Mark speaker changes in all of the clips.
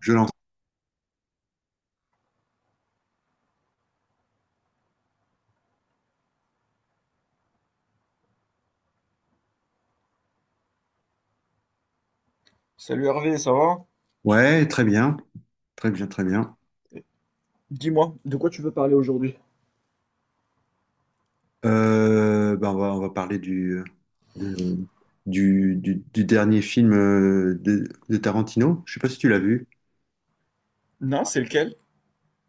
Speaker 1: Je lance.
Speaker 2: Salut Hervé, ça va?
Speaker 1: Ouais, très bien. Très bien, très bien.
Speaker 2: Dis-moi, de quoi tu veux parler aujourd'hui?
Speaker 1: On va parler de- du dernier film de Tarantino. Je sais pas si tu l'as vu.
Speaker 2: Non, c'est lequel?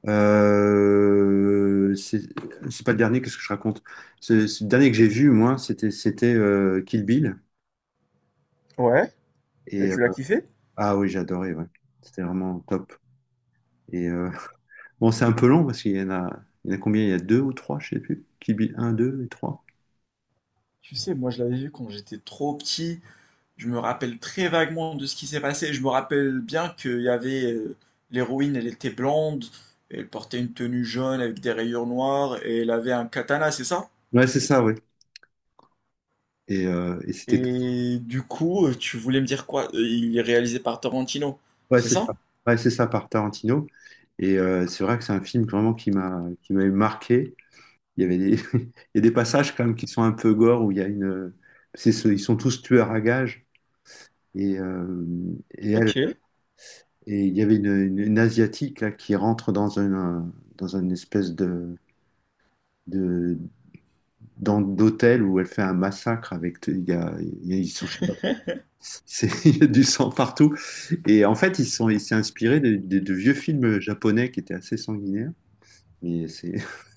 Speaker 1: Euh, c'est c'est pas le dernier, qu'est-ce que je raconte? C'est le dernier que j'ai vu, moi, c'était Kill Bill.
Speaker 2: Ouais. Et
Speaker 1: Et, euh,
Speaker 2: tu l'as kiffé?
Speaker 1: ah oui, j'ai adoré, ouais. C'était vraiment top. Et euh, bon, c'est un peu long parce qu'il y en a, il y en a combien? Il y a deux ou trois, je sais plus. Kill Bill un, deux et trois.
Speaker 2: Tu sais, moi je l'avais vu quand j'étais trop petit. Je me rappelle très vaguement de ce qui s'est passé. Je me rappelle bien qu'il y avait l'héroïne, elle était blonde, elle portait une tenue jaune avec des rayures noires et elle avait un katana, c'est ça?
Speaker 1: Ouais, c'est ça, oui. C'était
Speaker 2: Et du coup, tu voulais me dire quoi? Il est réalisé par Tarantino,
Speaker 1: ouais,
Speaker 2: c'est
Speaker 1: c'est ça.
Speaker 2: ça?
Speaker 1: Ouais, c'est ça par Tarantino. C'est vrai que c'est un film vraiment qui m'a marqué. Il y avait des, il y a des passages quand même qui sont un peu gore où il y a ils sont tous tueurs à gages et euh, et elle
Speaker 2: Ok.
Speaker 1: et il y avait une asiatique là qui rentre dans une espèce de dans- d'hôtel où elle fait un massacre avec ils sont je sais pas, c'est il y a du sang partout et en fait ils sont il s'est inspiré de vieux films japonais qui étaient assez sanguinaires. Mais c'est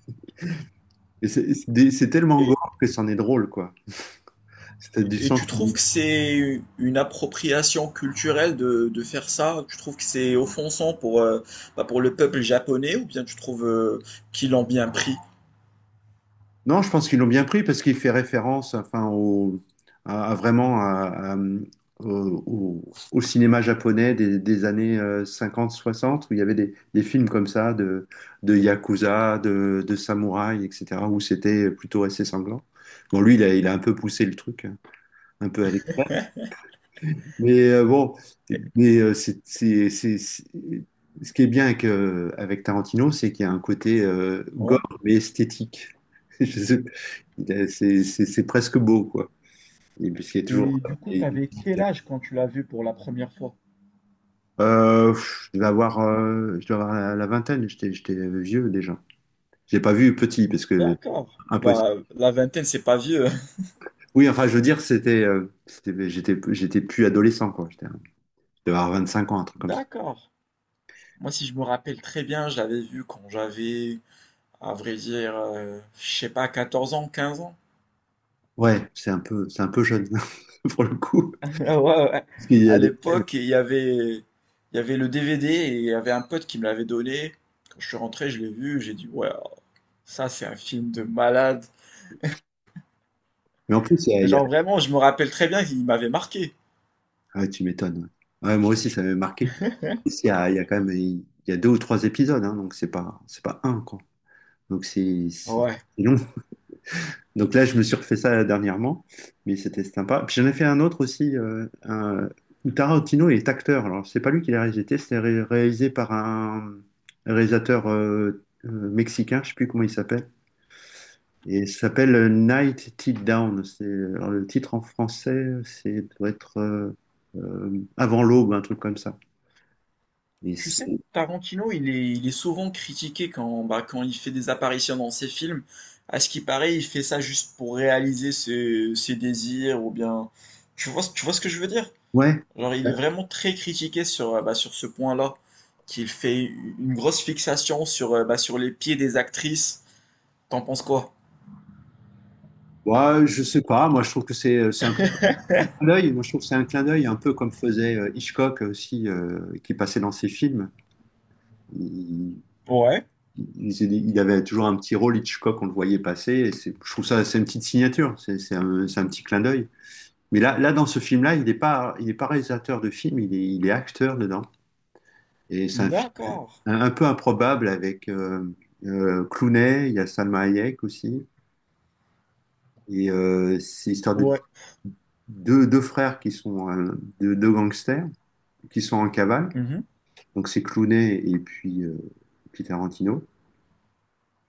Speaker 1: c'est tellement
Speaker 2: Et
Speaker 1: gore que c'en est drôle, quoi. C'est du
Speaker 2: Et
Speaker 1: sens.
Speaker 2: tu trouves que c'est une appropriation culturelle de faire ça? Tu trouves que c'est offensant bah, pour le peuple japonais, ou bien tu trouves qu'ils l'ont bien pris?
Speaker 1: Non, je pense qu'ils l'ont bien pris parce qu'il fait référence, enfin, au, à vraiment au, au cinéma japonais des années 50-60 où il y avait des films comme ça de samouraï, etc., où c'était plutôt assez sanglant. Bon, lui, il a un peu poussé le truc, hein, un peu à... Mais c'est ce qui est bien avec, avec Tarantino, c'est qu'il y a un côté gore
Speaker 2: Ouais.
Speaker 1: mais esthétique. Je sais pas. Il a- c'est presque beau, quoi. Et puisqu'il y a
Speaker 2: Et
Speaker 1: toujours.
Speaker 2: du coup,
Speaker 1: Et-
Speaker 2: t'avais quel âge quand tu l'as vu pour la première fois?
Speaker 1: Pff, je dois avoir la vingtaine, j'étais vieux déjà. J'ai pas vu petit parce que
Speaker 2: D'accord.
Speaker 1: impossible.
Speaker 2: Bah, la vingtaine, c'est pas vieux.
Speaker 1: Oui, enfin, je veux dire, j'étais plus adolescent, quoi. Je devais avoir 25 ans, un truc comme ça.
Speaker 2: D'accord. Moi, si je me rappelle très bien, je l'avais vu quand j'avais, à vrai dire, je sais pas, 14 ans, 15 ans.
Speaker 1: C'est un peu jeune pour le coup.
Speaker 2: Ah ouais, ouais.
Speaker 1: Parce qu'il y a
Speaker 2: À
Speaker 1: des...
Speaker 2: l'époque, il y avait le DVD et il y avait un pote qui me l'avait donné. Quand je suis rentré, je l'ai vu, j'ai dit, ouais, oh, ça c'est un film de malade.
Speaker 1: Mais en plus,
Speaker 2: Mais
Speaker 1: il y a-
Speaker 2: genre vraiment, je me rappelle très bien qu'il m'avait marqué.
Speaker 1: Ah, tu m'étonnes. Ouais. Ouais, moi aussi, ça m'avait marqué. En plus, il y a deux ou trois épisodes, hein, donc c'est pas un, quoi. Donc c'est c'est-
Speaker 2: Ouais.
Speaker 1: c'est long. Donc là, je me suis refait ça dernièrement, mais c'était sympa. Puis j'en ai fait un autre aussi, où Tarantino est acteur. Alors, c'est pas lui qui l'a réalisé, c'est réalisé par un réalisateur mexicain, je sais plus comment il s'appelle. Et ça s'appelle Night Till Down. Le titre en français, c'est doit être Avant l'aube, un truc comme ça. Et
Speaker 2: Tu sais,
Speaker 1: c'est-
Speaker 2: Tarantino, il est souvent critiqué bah, quand il fait des apparitions dans ses films. À ce qui paraît, il fait ça juste pour réaliser ses désirs, ou bien. Tu vois ce que je veux dire?
Speaker 1: ouais,
Speaker 2: Genre, il est vraiment très critiqué bah, sur ce point-là, qu'il fait une grosse fixation bah, sur les pieds des actrices. T'en penses quoi?
Speaker 1: ouais, je sais pas. Moi, je trouve que c'est un peu un petit clin d'œil. Moi, je trouve que c'est un clin d'œil, un peu comme faisait Hitchcock aussi, qui passait dans ses films. Il,
Speaker 2: Ouais,
Speaker 1: il- il avait toujours un petit rôle Hitchcock, on le voyait passer. Je trouve ça, c'est une petite signature. C'est un petit clin d'œil. Mais là, dans ce film-là, il est pas réalisateur de film, il est acteur dedans. Et c'est un film
Speaker 2: d'accord.
Speaker 1: un peu improbable avec Clooney, il y a Salma Hayek aussi. C'est l'histoire de
Speaker 2: Ouais.
Speaker 1: deux frères qui sont deux gangsters qui sont en cavale.
Speaker 2: Mhm.
Speaker 1: Donc c'est Clooney et puis, Tarantino.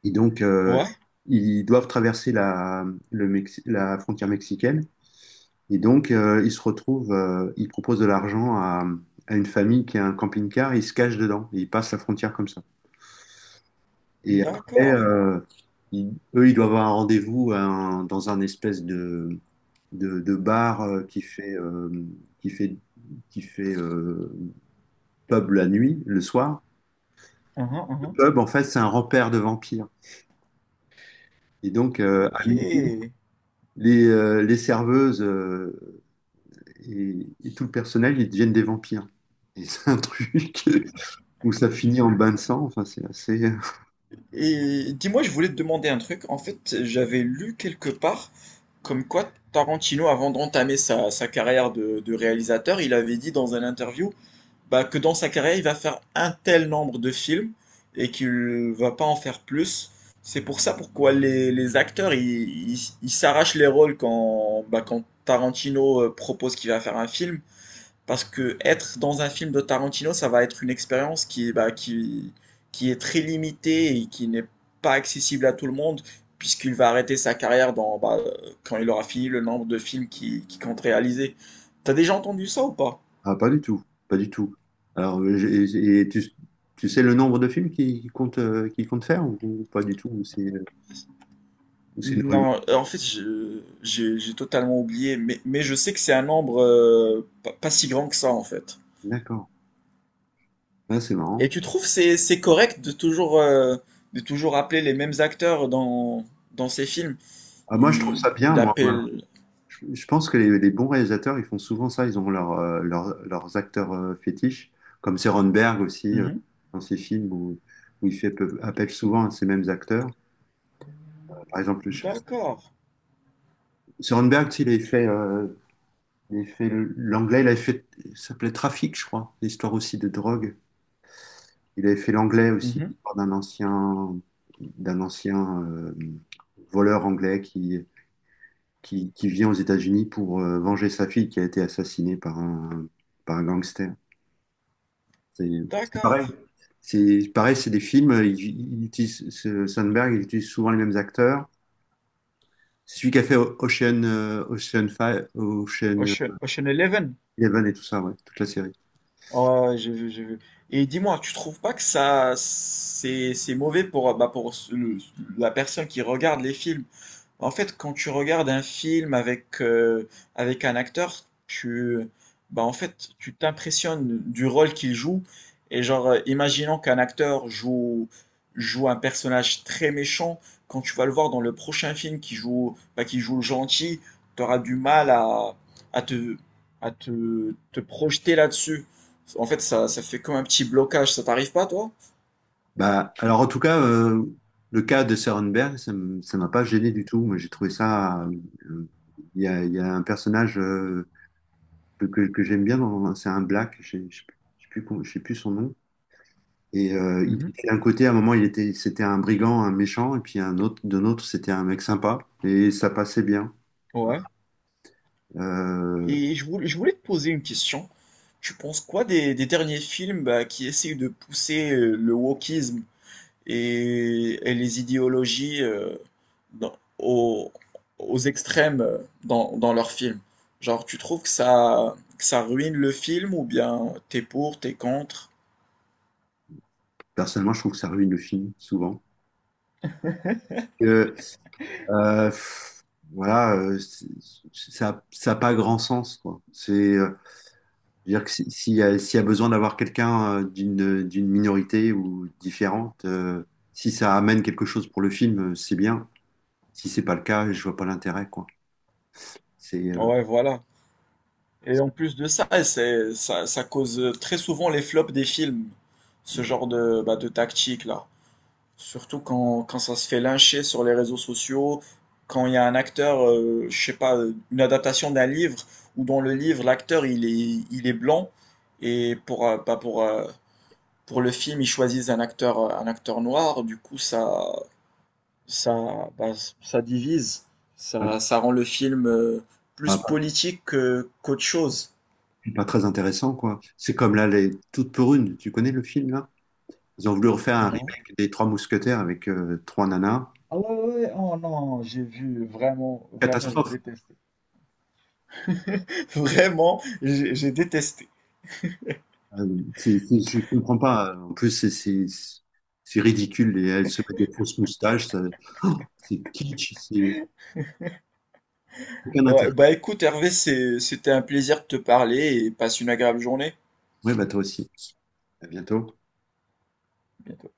Speaker 1: Et donc euh,
Speaker 2: Ouais,
Speaker 1: ils doivent traverser la frontière mexicaine. Et donc ils se retrouvent, ils proposent de l'argent à une famille qui a un camping-car, ils se cachent dedans et ils passent la frontière comme ça. Et après,
Speaker 2: d'accord.
Speaker 1: eux, ils doivent avoir un rendez-vous dans un espèce de bar qui fait, qui fait pub la nuit, le soir.
Speaker 2: Mhm,
Speaker 1: Le
Speaker 2: mhm.
Speaker 1: pub, en fait, c'est un repère de vampires. Et donc, à
Speaker 2: Ok.
Speaker 1: minuit, les serveuses et tout le personnel, ils deviennent des vampires. Et c'est un truc où ça finit en bain de sang. Enfin, c'est assez.
Speaker 2: Et dis-moi, je voulais te demander un truc. En fait, j'avais lu quelque part comme quoi Tarantino, avant d'entamer sa carrière de réalisateur, il avait dit dans un interview, bah, que dans sa carrière, il va faire un tel nombre de films et qu'il va pas en faire plus. C'est pour ça pourquoi les acteurs, ils s'arrachent les rôles bah, quand Tarantino propose qu'il va faire un film. Parce que être dans un film de Tarantino, ça va être une expérience bah, qui est très limitée et qui n'est pas accessible à tout le monde, puisqu'il va arrêter sa carrière bah, quand il aura fini le nombre de films qu'il qui compte réaliser. T'as déjà entendu ça ou pas?
Speaker 1: Ah, pas du tout, pas du tout. Alors, et tu, tu sais le nombre de films qu'il compte faire ou pas du tout? Ou c'est une rumeur.
Speaker 2: Non, en fait, j'ai totalement oublié, mais je sais que c'est un nombre pas si grand que ça, en fait.
Speaker 1: D'accord. Ah, c'est marrant.
Speaker 2: Et tu trouves c'est correct de toujours appeler les mêmes acteurs dans ces films?
Speaker 1: Ah, moi, je trouve
Speaker 2: Il,
Speaker 1: ça bien,
Speaker 2: il
Speaker 1: moi. Moi.
Speaker 2: appelle.
Speaker 1: Je pense que les bons réalisateurs, ils font souvent ça. Ils ont leurs acteurs fétiches, comme Berg aussi,
Speaker 2: Mhm.
Speaker 1: dans ses films où, où il fait appelle souvent à ces mêmes acteurs. Par exemple, je sais pas si...
Speaker 2: D'accord.
Speaker 1: Soderbergh, tu sais, il avait fait l'anglais, ça s'appelait Trafic, je crois, l'histoire aussi de drogue. Il avait fait l'anglais aussi,
Speaker 2: Mhm.
Speaker 1: l'histoire d'un ancien voleur anglais qui vient aux États-Unis pour venger sa fille qui a été assassinée par un gangster. C'est c'est
Speaker 2: D'accord.
Speaker 1: pareil. C'est pareil, c'est des films. Il utilise, Sandberg, il utilise souvent les mêmes acteurs. C'est celui qui a fait Ocean, Ocean Five, Ocean
Speaker 2: Ocean, Ocean Eleven.
Speaker 1: Eleven et tout ça, ouais, toute la série.
Speaker 2: Oh, j'ai vu, j'ai vu. Et dis-moi, tu trouves pas que ça c'est mauvais pour bah pour la personne qui regarde les films? En fait, quand tu regardes un film avec un acteur, bah, en fait, tu t'impressionnes du rôle qu'il joue. Et genre, imaginons qu'un acteur joue un personnage très méchant. Quand tu vas le voir dans le prochain film bah, qui joue le gentil, tu auras du mal à te, à te projeter là-dessus. En fait, ça fait comme un petit blocage. Ça t'arrive pas, toi?
Speaker 1: Bah, alors en tout cas, le cas de Sorenberg, ça m'a pas gêné du tout. Moi, j'ai trouvé ça. Euh, il y a un personnage que j'aime bien, dans- c'est un black, je ne sais plus je sais plus comment- je sais plus son nom. Et il
Speaker 2: Mhm.
Speaker 1: était d'un côté, à un moment, c'était un brigand, un méchant, et puis un autre, d'un autre, c'était un mec sympa, et ça passait bien.
Speaker 2: Ouais.
Speaker 1: Euh,
Speaker 2: Et je voulais te poser une question. Tu penses quoi des derniers films, bah, qui essayent de pousser le wokisme et les idéologies dans- aux, aux extrêmes dans leurs films? Genre, tu trouves que que ça ruine le film, ou bien t'es pour, t'es contre?
Speaker 1: personnellement, je trouve que ça ruine le film souvent. Euh, euh, pff, voilà, ça, ça n'a pas grand sens, quoi. C'est-à-dire que s'il y a besoin d'avoir quelqu'un d'une minorité ou différente, si ça amène quelque chose pour le film, c'est bien. Si c'est pas le cas, je vois pas l'intérêt, quoi. C'est
Speaker 2: Ouais, voilà. Et en plus de ça, ça cause très souvent les flops des films, ce genre bah, de tactique là. Surtout quand ça se fait lyncher sur les réseaux sociaux, quand il y a un acteur, je sais pas, une adaptation d'un livre, où dans le livre, l'acteur, il est blanc, et bah, pour le film, ils choisissent un acteur noir, du coup, bah, ça divise,
Speaker 1: pas,
Speaker 2: ça rend le film, plus
Speaker 1: pas-
Speaker 2: politique qu'autre chose,
Speaker 1: pas très intéressant, quoi. C'est comme là, les Toutes pour une. Tu connais le film, là? Ils ont voulu refaire un
Speaker 2: non?
Speaker 1: remake des Trois Mousquetaires avec trois nanas.
Speaker 2: Ah ouais, ouais, ouais. Oh non, j'ai vu, vraiment, vraiment, j'ai
Speaker 1: Catastrophe.
Speaker 2: détesté. Vraiment, j'ai détesté.
Speaker 1: Euh, je ne comprends pas. En plus, c'est ridicule. Et elles se mettent des fausses moustaches. Ça- oh, c'est kitsch. C'est aucun
Speaker 2: Ouais,
Speaker 1: intérêt.
Speaker 2: bah écoute Hervé, c'était un plaisir de te parler et passe une agréable journée.
Speaker 1: Oui, bah toi aussi. À bientôt.
Speaker 2: À bientôt.